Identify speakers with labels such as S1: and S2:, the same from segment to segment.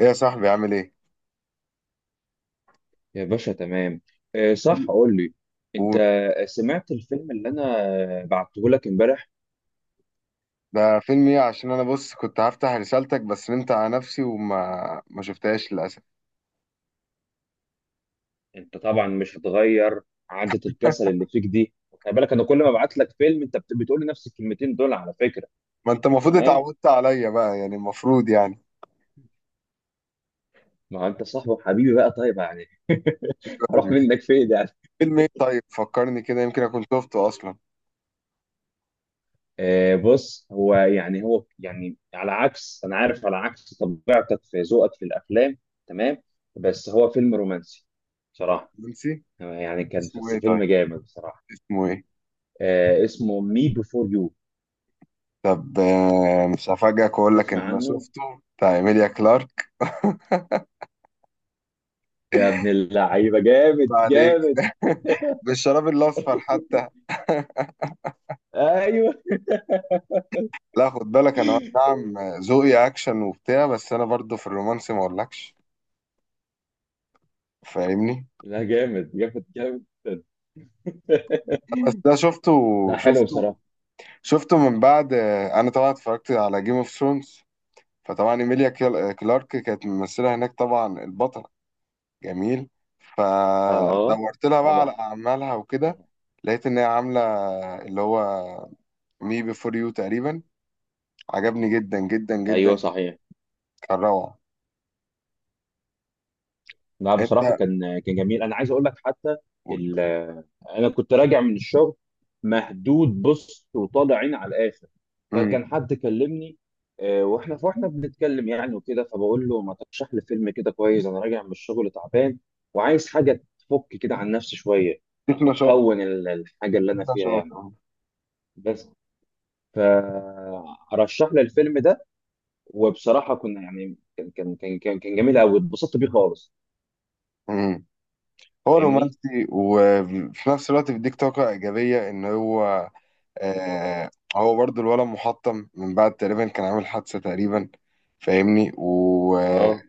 S1: ايه يا صاحبي؟ عامل ايه؟
S2: يا باشا تمام. آه، صح، قول لي، انت سمعت الفيلم اللي انا بعته لك امبارح؟
S1: وده فيلم ايه؟ عشان انا بص كنت هفتح رسالتك بس نمت على نفسي وما ما شفتهاش للاسف.
S2: انت طبعا مش هتغير عادة الكسل اللي فيك دي. خلي بالك انا كل ما ابعت لك فيلم انت بتقول لي نفس الكلمتين دول على فكرة.
S1: ما انت المفروض
S2: تمام،
S1: اتعودت عليا بقى يعني، المفروض يعني
S2: ما هو انت صاحبي وحبيبي بقى، طيب يعني هروح
S1: قلبي فيه.
S2: منك فين يعني؟
S1: فيلم ايه طيب؟ فكرني كده يمكن اكون شفته اصلا.
S2: آه، بص، هو يعني على عكس، انا عارف، على عكس طبيعتك في ذوقك في الافلام. تمام، بس هو فيلم رومانسي بصراحة،
S1: نسي
S2: يعني كان
S1: اسمه
S2: بس
S1: ايه
S2: فيلم
S1: طيب،
S2: جامد بصراحة.
S1: اسمه ايه؟
S2: آه، اسمه مي بيفور يو.
S1: طب مش هفاجئك واقول لك ان
S2: تسمع
S1: انا
S2: عنه؟
S1: شفته، بتاع ايميليا كلارك.
S2: يا ابن اللعيبه، جامد
S1: ما عليك.
S2: جامد.
S1: بالشراب الاصفر حتى.
S2: ايوه.
S1: لا خد بالك انا، نعم، ذوقي اكشن وبتاع، بس انا برضو في الرومانسي ما اقولكش، فاهمني؟
S2: لا جامد جامد جامد.
S1: بس ده شفته،
S2: لا حلو
S1: شفته،
S2: بصراحه.
S1: شفته من بعد. انا طبعا اتفرجت على جيم اوف ثرونز، فطبعا ايميليا كلارك كانت ممثله هناك، طبعا البطل جميل،
S2: اه
S1: فدورت لها بقى على
S2: طبعا،
S1: اعمالها وكده.
S2: طبعاً.
S1: لقيت ان هي عامله اللي هو مي بيفور يو تقريبا، عجبني جدا جدا
S2: ايوه
S1: جدا،
S2: صحيح.
S1: كان روعه.
S2: لا
S1: انت
S2: بصراحة كان جميل. أنا عايز أقول لك حتى،
S1: قول.
S2: ال- أنا كنت راجع من الشغل، مهدود، بص، وطالع عين على الآخر،
S1: امم.
S2: فكان حد كلمني. وإحنا فإحنا بنتكلم يعني وكده، فبقول له ما ترشح لي فيلم كده كويس، أنا راجع من الشغل تعبان، وعايز حاجة تفك كده عن نفسي شوية،
S1: فيك نشاط،
S2: وتهون الحاجة
S1: فيك
S2: اللي أنا فيها
S1: نشاط
S2: يعني.
S1: أهو.
S2: بس، فرشح لي الفيلم ده، وبصراحة كنا يعني كان جميل أوي، اتبسطت بيه خالص.
S1: امم. هو
S2: فاهمني؟
S1: رومانسي وفي نفس الوقت بيديك طاقه ايجابيه، ان هو، آه، هو برضو الولد محطم من بعد، تقريبا كان عامل حادثة تقريبا، فاهمني، و...
S2: اه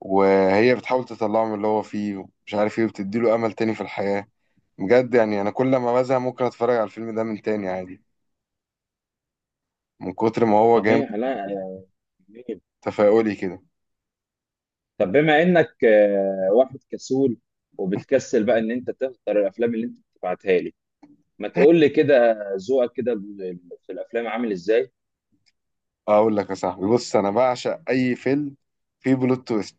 S1: وهي بتحاول تطلعه من اللي هو فيه مش عارف ايه، وبتديله امل تاني في الحياة. بجد يعني انا كل ما بزهق ممكن اتفرج على الفيلم ده من تاني عادي، من كتر ما هو جامد،
S2: صحيح. لا يا جميل.
S1: تفاؤلي كده.
S2: طب بما انك، واحد كسول، وبتكسل بقى ان انت تختار الافلام اللي انت بتبعتها لي، ما تقول لي كده، ذوقك كده في الافلام عامل ازاي؟
S1: اقول لك يا صاحبي، بص، انا بعشق اي فيلم فيه بلوت تويست،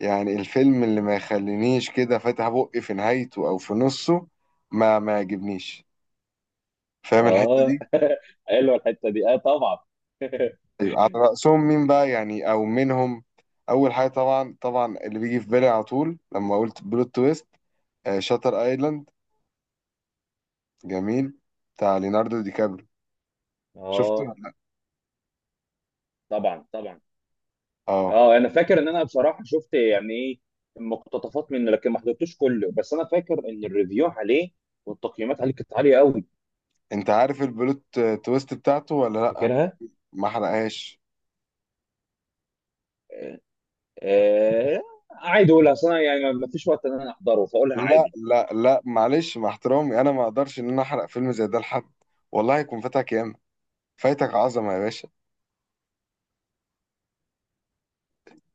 S1: يعني الفيلم اللي ما يخلينيش كده فاتح بقي في نهايته او في نصه ما يعجبنيش، فاهم الحتة
S2: اه
S1: دي؟
S2: حلوه الحته دي، اه طبعا.
S1: ايوه، على رأسهم مين بقى يعني او منهم، اول حاجه طبعا طبعا اللي بيجي في بالي على طول لما قلت بلوت تويست، آه، شاتر ايلاند، جميل، بتاع ليوناردو دي كابريو. شفته
S2: اه
S1: ولا لأ؟
S2: طبعا طبعا.
S1: اه.
S2: اه انا فاكر ان انا بصراحه شفت يعني ايه، مقتطفات منه، لكن ما حضرتوش كله. بس انا فاكر ان الريفيو عليه والتقييمات عليه كانت عاليه قوي.
S1: انت عارف البلوت تويست بتاعته ولا لا؟
S2: فاكرها.
S1: ما حرقهاش.
S2: آه عادي اقولها اصلا، يعني ما فيش وقت ان انا احضره، فاقولها
S1: لا
S2: عادي.
S1: لا لا، معلش، مع احترامي انا ما اقدرش ان انا احرق فيلم زي ده لحد، والله هيكون فاتك ياما، فايتك عظمه يا باشا.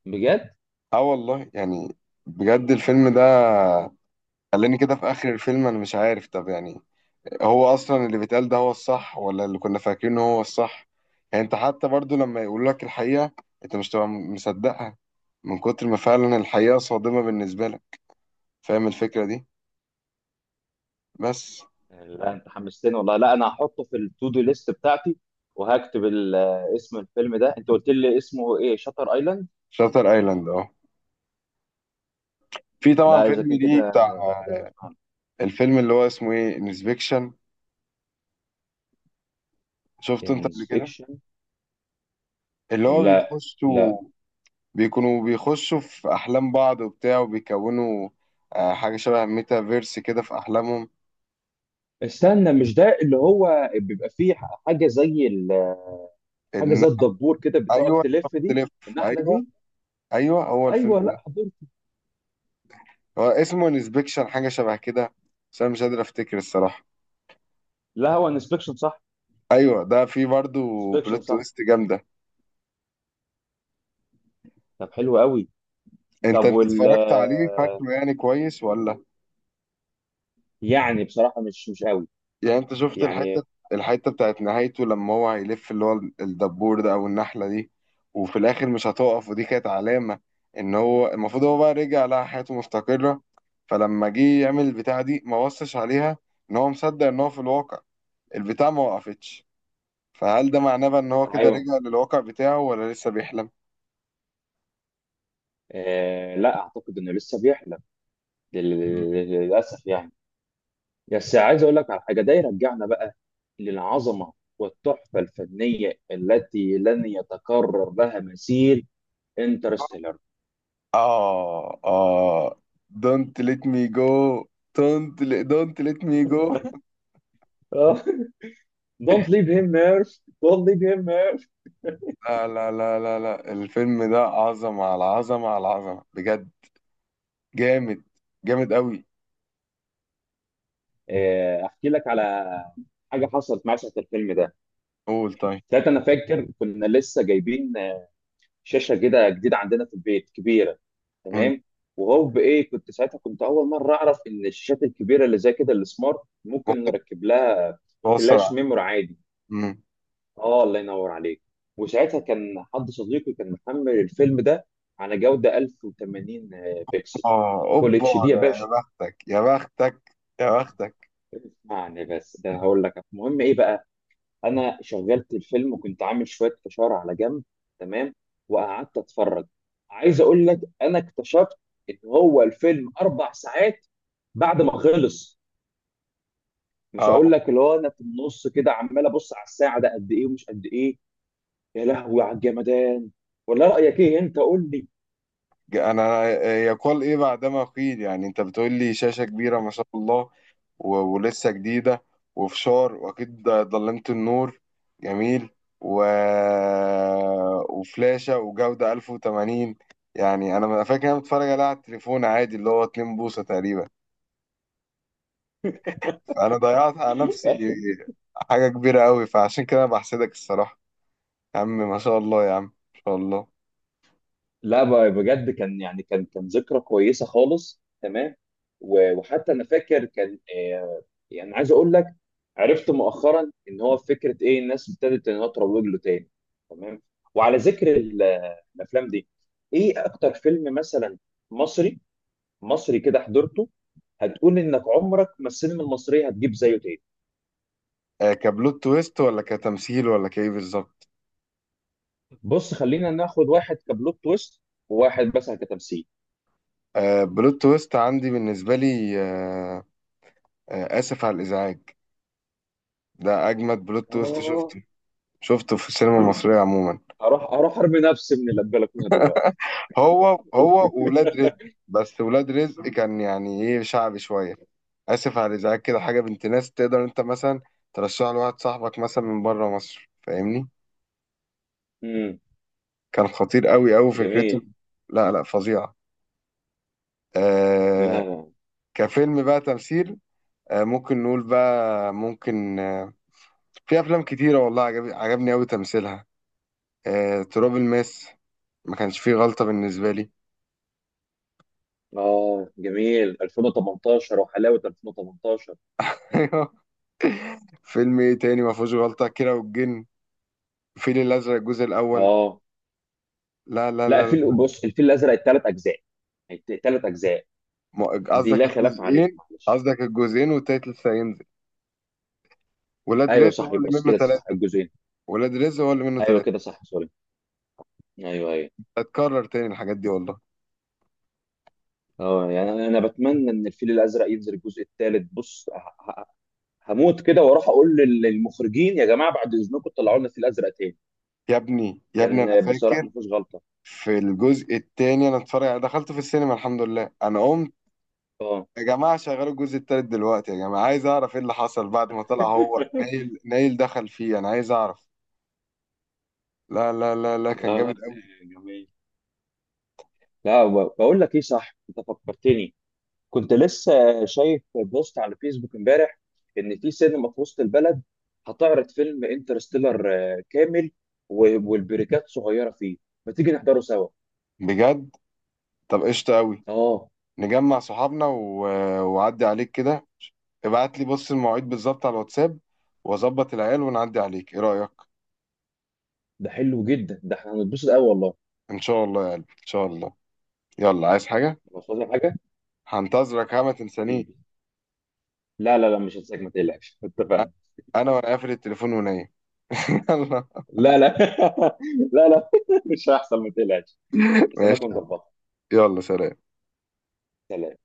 S2: بجد،
S1: اه والله يعني، بجد الفيلم ده خلاني كده في اخر الفيلم انا مش عارف، طب يعني هو اصلا اللي بيتقال ده هو الصح ولا اللي كنا فاكرينه هو الصح؟ يعني انت حتى برضو لما يقولوا لك الحقيقة انت مش تبقى مصدقها، من كتر ما فعلا الحقيقة صادمة بالنسبة لك، فاهم الفكرة دي؟ بس.
S2: لا انت حمستني والله. لا انا هحطه في التو دو ليست بتاعتي، وهكتب اسم الفيلم ده. انت قلت لي اسمه ايه؟ شاتر ايلاند.
S1: شاتر ايلاند، اه، في طبعا
S2: لا اذا
S1: فيلم
S2: كان كده
S1: ليه بتاع،
S2: لازم اسمعه.
S1: الفيلم اللي هو اسمه ايه، انسبكشن. شفته انت قبل كده؟
S2: انسبكشن؟
S1: اللي هو
S2: لا لا،
S1: بيخشوا، بيكونوا بيخشوا في احلام بعض وبتاع، وبيكونوا، آه، حاجة شبه ميتافيرس كده في احلامهم.
S2: استنى، مش ده اللي هو بيبقى فيه حاجه زي ال- حاجه
S1: ان.
S2: زي الدبور كده بتقعد
S1: ايوه،
S2: تلف دي،
S1: تلف.
S2: النحله
S1: ايوه
S2: دي؟
S1: ايوه، هو
S2: ايوه،
S1: الفيلم ده،
S2: لا حضرت.
S1: هو اسمه انسبكشن، حاجه شبه كده، بس انا مش قادر افتكر الصراحه.
S2: لا هو انسبكشن صح،
S1: ايوه، ده فيه برضو بلوت
S2: انسبكشن صح.
S1: تويست جامده.
S2: طب حلو قوي.
S1: انت
S2: طب
S1: انت
S2: وال
S1: اتفرجت عليه،
S2: آه،
S1: فاكره يعني كويس ولا؟
S2: يعني بصراحة مش قوي
S1: يعني انت شفت الحته،
S2: يعني.
S1: الحته بتاعت نهايته، لما هو هيلف اللي هو الدبور ده او النحله دي وفي الاخر مش هتقف، ودي كانت علامه ان هو المفروض، هو بقى رجع لقى حياته مستقره، فلما جه يعمل البتاعه دي ما بصش عليها، ان هو مصدق ان هو في الواقع، البتاع ما وقفتش، فهل ده معناه بقى ان هو كده
S2: ايوه،
S1: رجع للواقع بتاعه ولا لسه بيحلم؟
S2: آه لا اعتقد انه لسه بيحلم، لل- للاسف يعني. بس عايز اقول لك على حاجة، ده يرجعنا بقى للعظمة والتحفة الفنية التي لن يتكرر لها مثيل، انترستيلر.
S1: اه اه. don't let me go. Don't let me go.
S2: Don't leave him Murph. Don't leave him Murph.
S1: لا لا لا لا لا، الفيلم ده عظمة على عظمة على عظمة بجد، جامد، جامد قوي.
S2: احكي لك على حاجه حصلت معايا ساعه الفيلم ده.
S1: قول طيب.
S2: ساعتها انا فاكر كنا لسه جايبين شاشه كده جديده عندنا في البيت، كبيره،
S1: مم.
S2: تمام. وهو بايه كنت ساعتها، كنت اول مره اعرف ان الشاشات الكبيره اللي زي كده السمارت ممكن نركب لها
S1: توصل
S2: فلاش
S1: على.
S2: ميموري عادي.
S1: مم.
S2: اه الله ينور عليك. وساعتها كان حد صديقي محمل الفيلم ده على جوده 1080 بكسل،
S1: اه
S2: فول
S1: اوبا،
S2: اتش دي يا
S1: ده يا
S2: باشا.
S1: بختك يا بختك يا بختك.
S2: اسمعني بس، ده هقول لك المهم ايه بقى. انا شغلت الفيلم وكنت عامل شويه فشار على جنب، تمام، وقعدت اتفرج. عايز اقول لك، انا اكتشفت ان هو الفيلم اربع ساعات بعد ما خلص، مش
S1: اه،
S2: هقول لك اللي هو انا في النص كده عمال ابص على الساعه ده قد ايه ومش قد ايه. يا لهوي على الجمدان! ولا رايك ايه، انت قول لي.
S1: انا يقال ايه بعدما قيل؟ يعني انت بتقول لي شاشة كبيرة ما شاء الله و- ولسه جديدة، وفشار، واكيد ضلمة النور، جميل، و... وفلاشة، وجودة 1080، يعني انا فاكر إن انا متفرج عليها على التليفون عادي اللي هو 2 بوصة تقريبا، فانا ضيعت على نفسي حاجة كبيرة قوي، فعشان كده انا بحسدك الصراحة، يا عم ما شاء الله يا عم ما شاء الله.
S2: لا بجد كان يعني كان ذكرى كويسه خالص، تمام. و- وحتى انا فاكر كان، يعني عايز اقول لك، عرفت مؤخرا ان هو فكره ايه، الناس ابتدت انها تروج له تاني. تمام، وعلى ذكر الافلام دي، ايه اكتر فيلم مثلا مصري، مصري كده حضرته، هتقول انك عمرك ما السينما المصريه هتجيب زيه تاني؟
S1: كبلوت تويست ولا كتمثيل ولا كايه بالظبط؟
S2: بص خلينا ناخد واحد كبلوت تويست، وواحد مثلا كتمثيل.
S1: آه، بلوت تويست عندي بالنسبة لي، آه، آه، آسف على الإزعاج، ده أجمد بلوت تويست
S2: اه
S1: شفته، شفته في السينما المصرية عموما،
S2: اروح ارمي نفسي من البلكونه دلوقتي.
S1: هو ولاد رزق، بس ولاد رزق كان يعني إيه شعبي شوية، آسف على الإزعاج كده، حاجة بنت ناس تقدر أنت مثلا ترشحها لواحد صاحبك مثلا من بره مصر، فاهمني؟
S2: امم
S1: كان خطير أوي أوي فكرته.
S2: جميل.
S1: لا لا، فظيعة، آه.
S2: لا لا.
S1: كفيلم بقى تمثيل، آه، ممكن نقول بقى، ممكن، آه، في أفلام كتيرة والله عجب، عجبني أوي تمثيلها، تراب الماس، ما كانش فيه غلطة بالنسبة لي.
S2: اه جميل، 2018. وحلاوه، 2018.
S1: أيوه. فيلم ايه تاني ما فيهوش غلطة؟ كيرة والجن، الفيل الأزرق الجزء الأول.
S2: اه.
S1: لا لا
S2: لا
S1: لا
S2: الفيل،
S1: لا.
S2: بص، الفيل الازرق الثلاث اجزاء، الثلاث اجزاء
S1: ما-
S2: دي
S1: قصدك
S2: لا خلاف عليها
S1: الجزئين،
S2: معلش.
S1: قصدك الجزئين والتالت لسه هينزل. ولاد
S2: ايوه
S1: رزق
S2: صح،
S1: هو اللي
S2: يبقى
S1: منه
S2: كده صح،
S1: ثلاثة،
S2: الجزئين.
S1: ولاد رزق هو اللي منه
S2: ايوه كده
S1: ثلاثة.
S2: صح، سوري. ايوه ايوه.
S1: هتكرر تاني الحاجات دي والله.
S2: اه يعني انا، بتمنى ان الفيل الازرق ينزل الجزء الثالث، بص هموت كده واروح اقول للمخرجين يا جماعه بعد اذنكم طلعوا لنا الفيل الازرق تاني.
S1: يا ابني يا ابني، أنا
S2: كان بصراحه
S1: فاكر
S2: ما فيهوش غلطه.
S1: في الجزء التاني أنا اتفرج، أنا دخلت في السينما، الحمد لله، أنا قمت:
S2: اه
S1: يا جماعة شغلوا الجزء التالت دلوقتي، يا جماعة عايز أعرف إيه اللي حصل بعد ما طلع هو نايل، نايل دخل فيه، أنا عايز أعرف. لا لا لا لا، كان
S2: لا لا.
S1: جامد قوي.
S2: جميل. لا بقول لك ايه صح، انت فكرتني، كنت لسه شايف بوست على فيسبوك امبارح ان في سينما في وسط البلد هتعرض فيلم انترستيلر كامل، و- والبريكات صغيره فيه. ما تيجي نحضره سوا؟
S1: بجد؟ طب قشطة قوي،
S2: اه
S1: نجمع صحابنا، و... وعدي عليك كده، ابعت لي بص المواعيد بالظبط على الواتساب، واظبط العيال ونعدي عليك، ايه رأيك؟
S2: ده حلو جدا، ده احنا هنتبسط قوي والله.
S1: ان شاء الله يا قلبي ان شاء الله، يلا عايز حاجة؟
S2: مش عايز حاجه.
S1: هنتظرك، ها ما تنسانيش،
S2: حبيبي، لا لا لا مش هنساك ما تقلقش. اتفقنا.
S1: انا وانا قافل التليفون ونايم. يلا.
S2: لا لا لا لا مش هيحصل، ما تقلقش، بس انا
S1: ماشي يا
S2: كنت
S1: حبيبي.
S2: ظبطها.
S1: يلا سلام.
S2: سلام.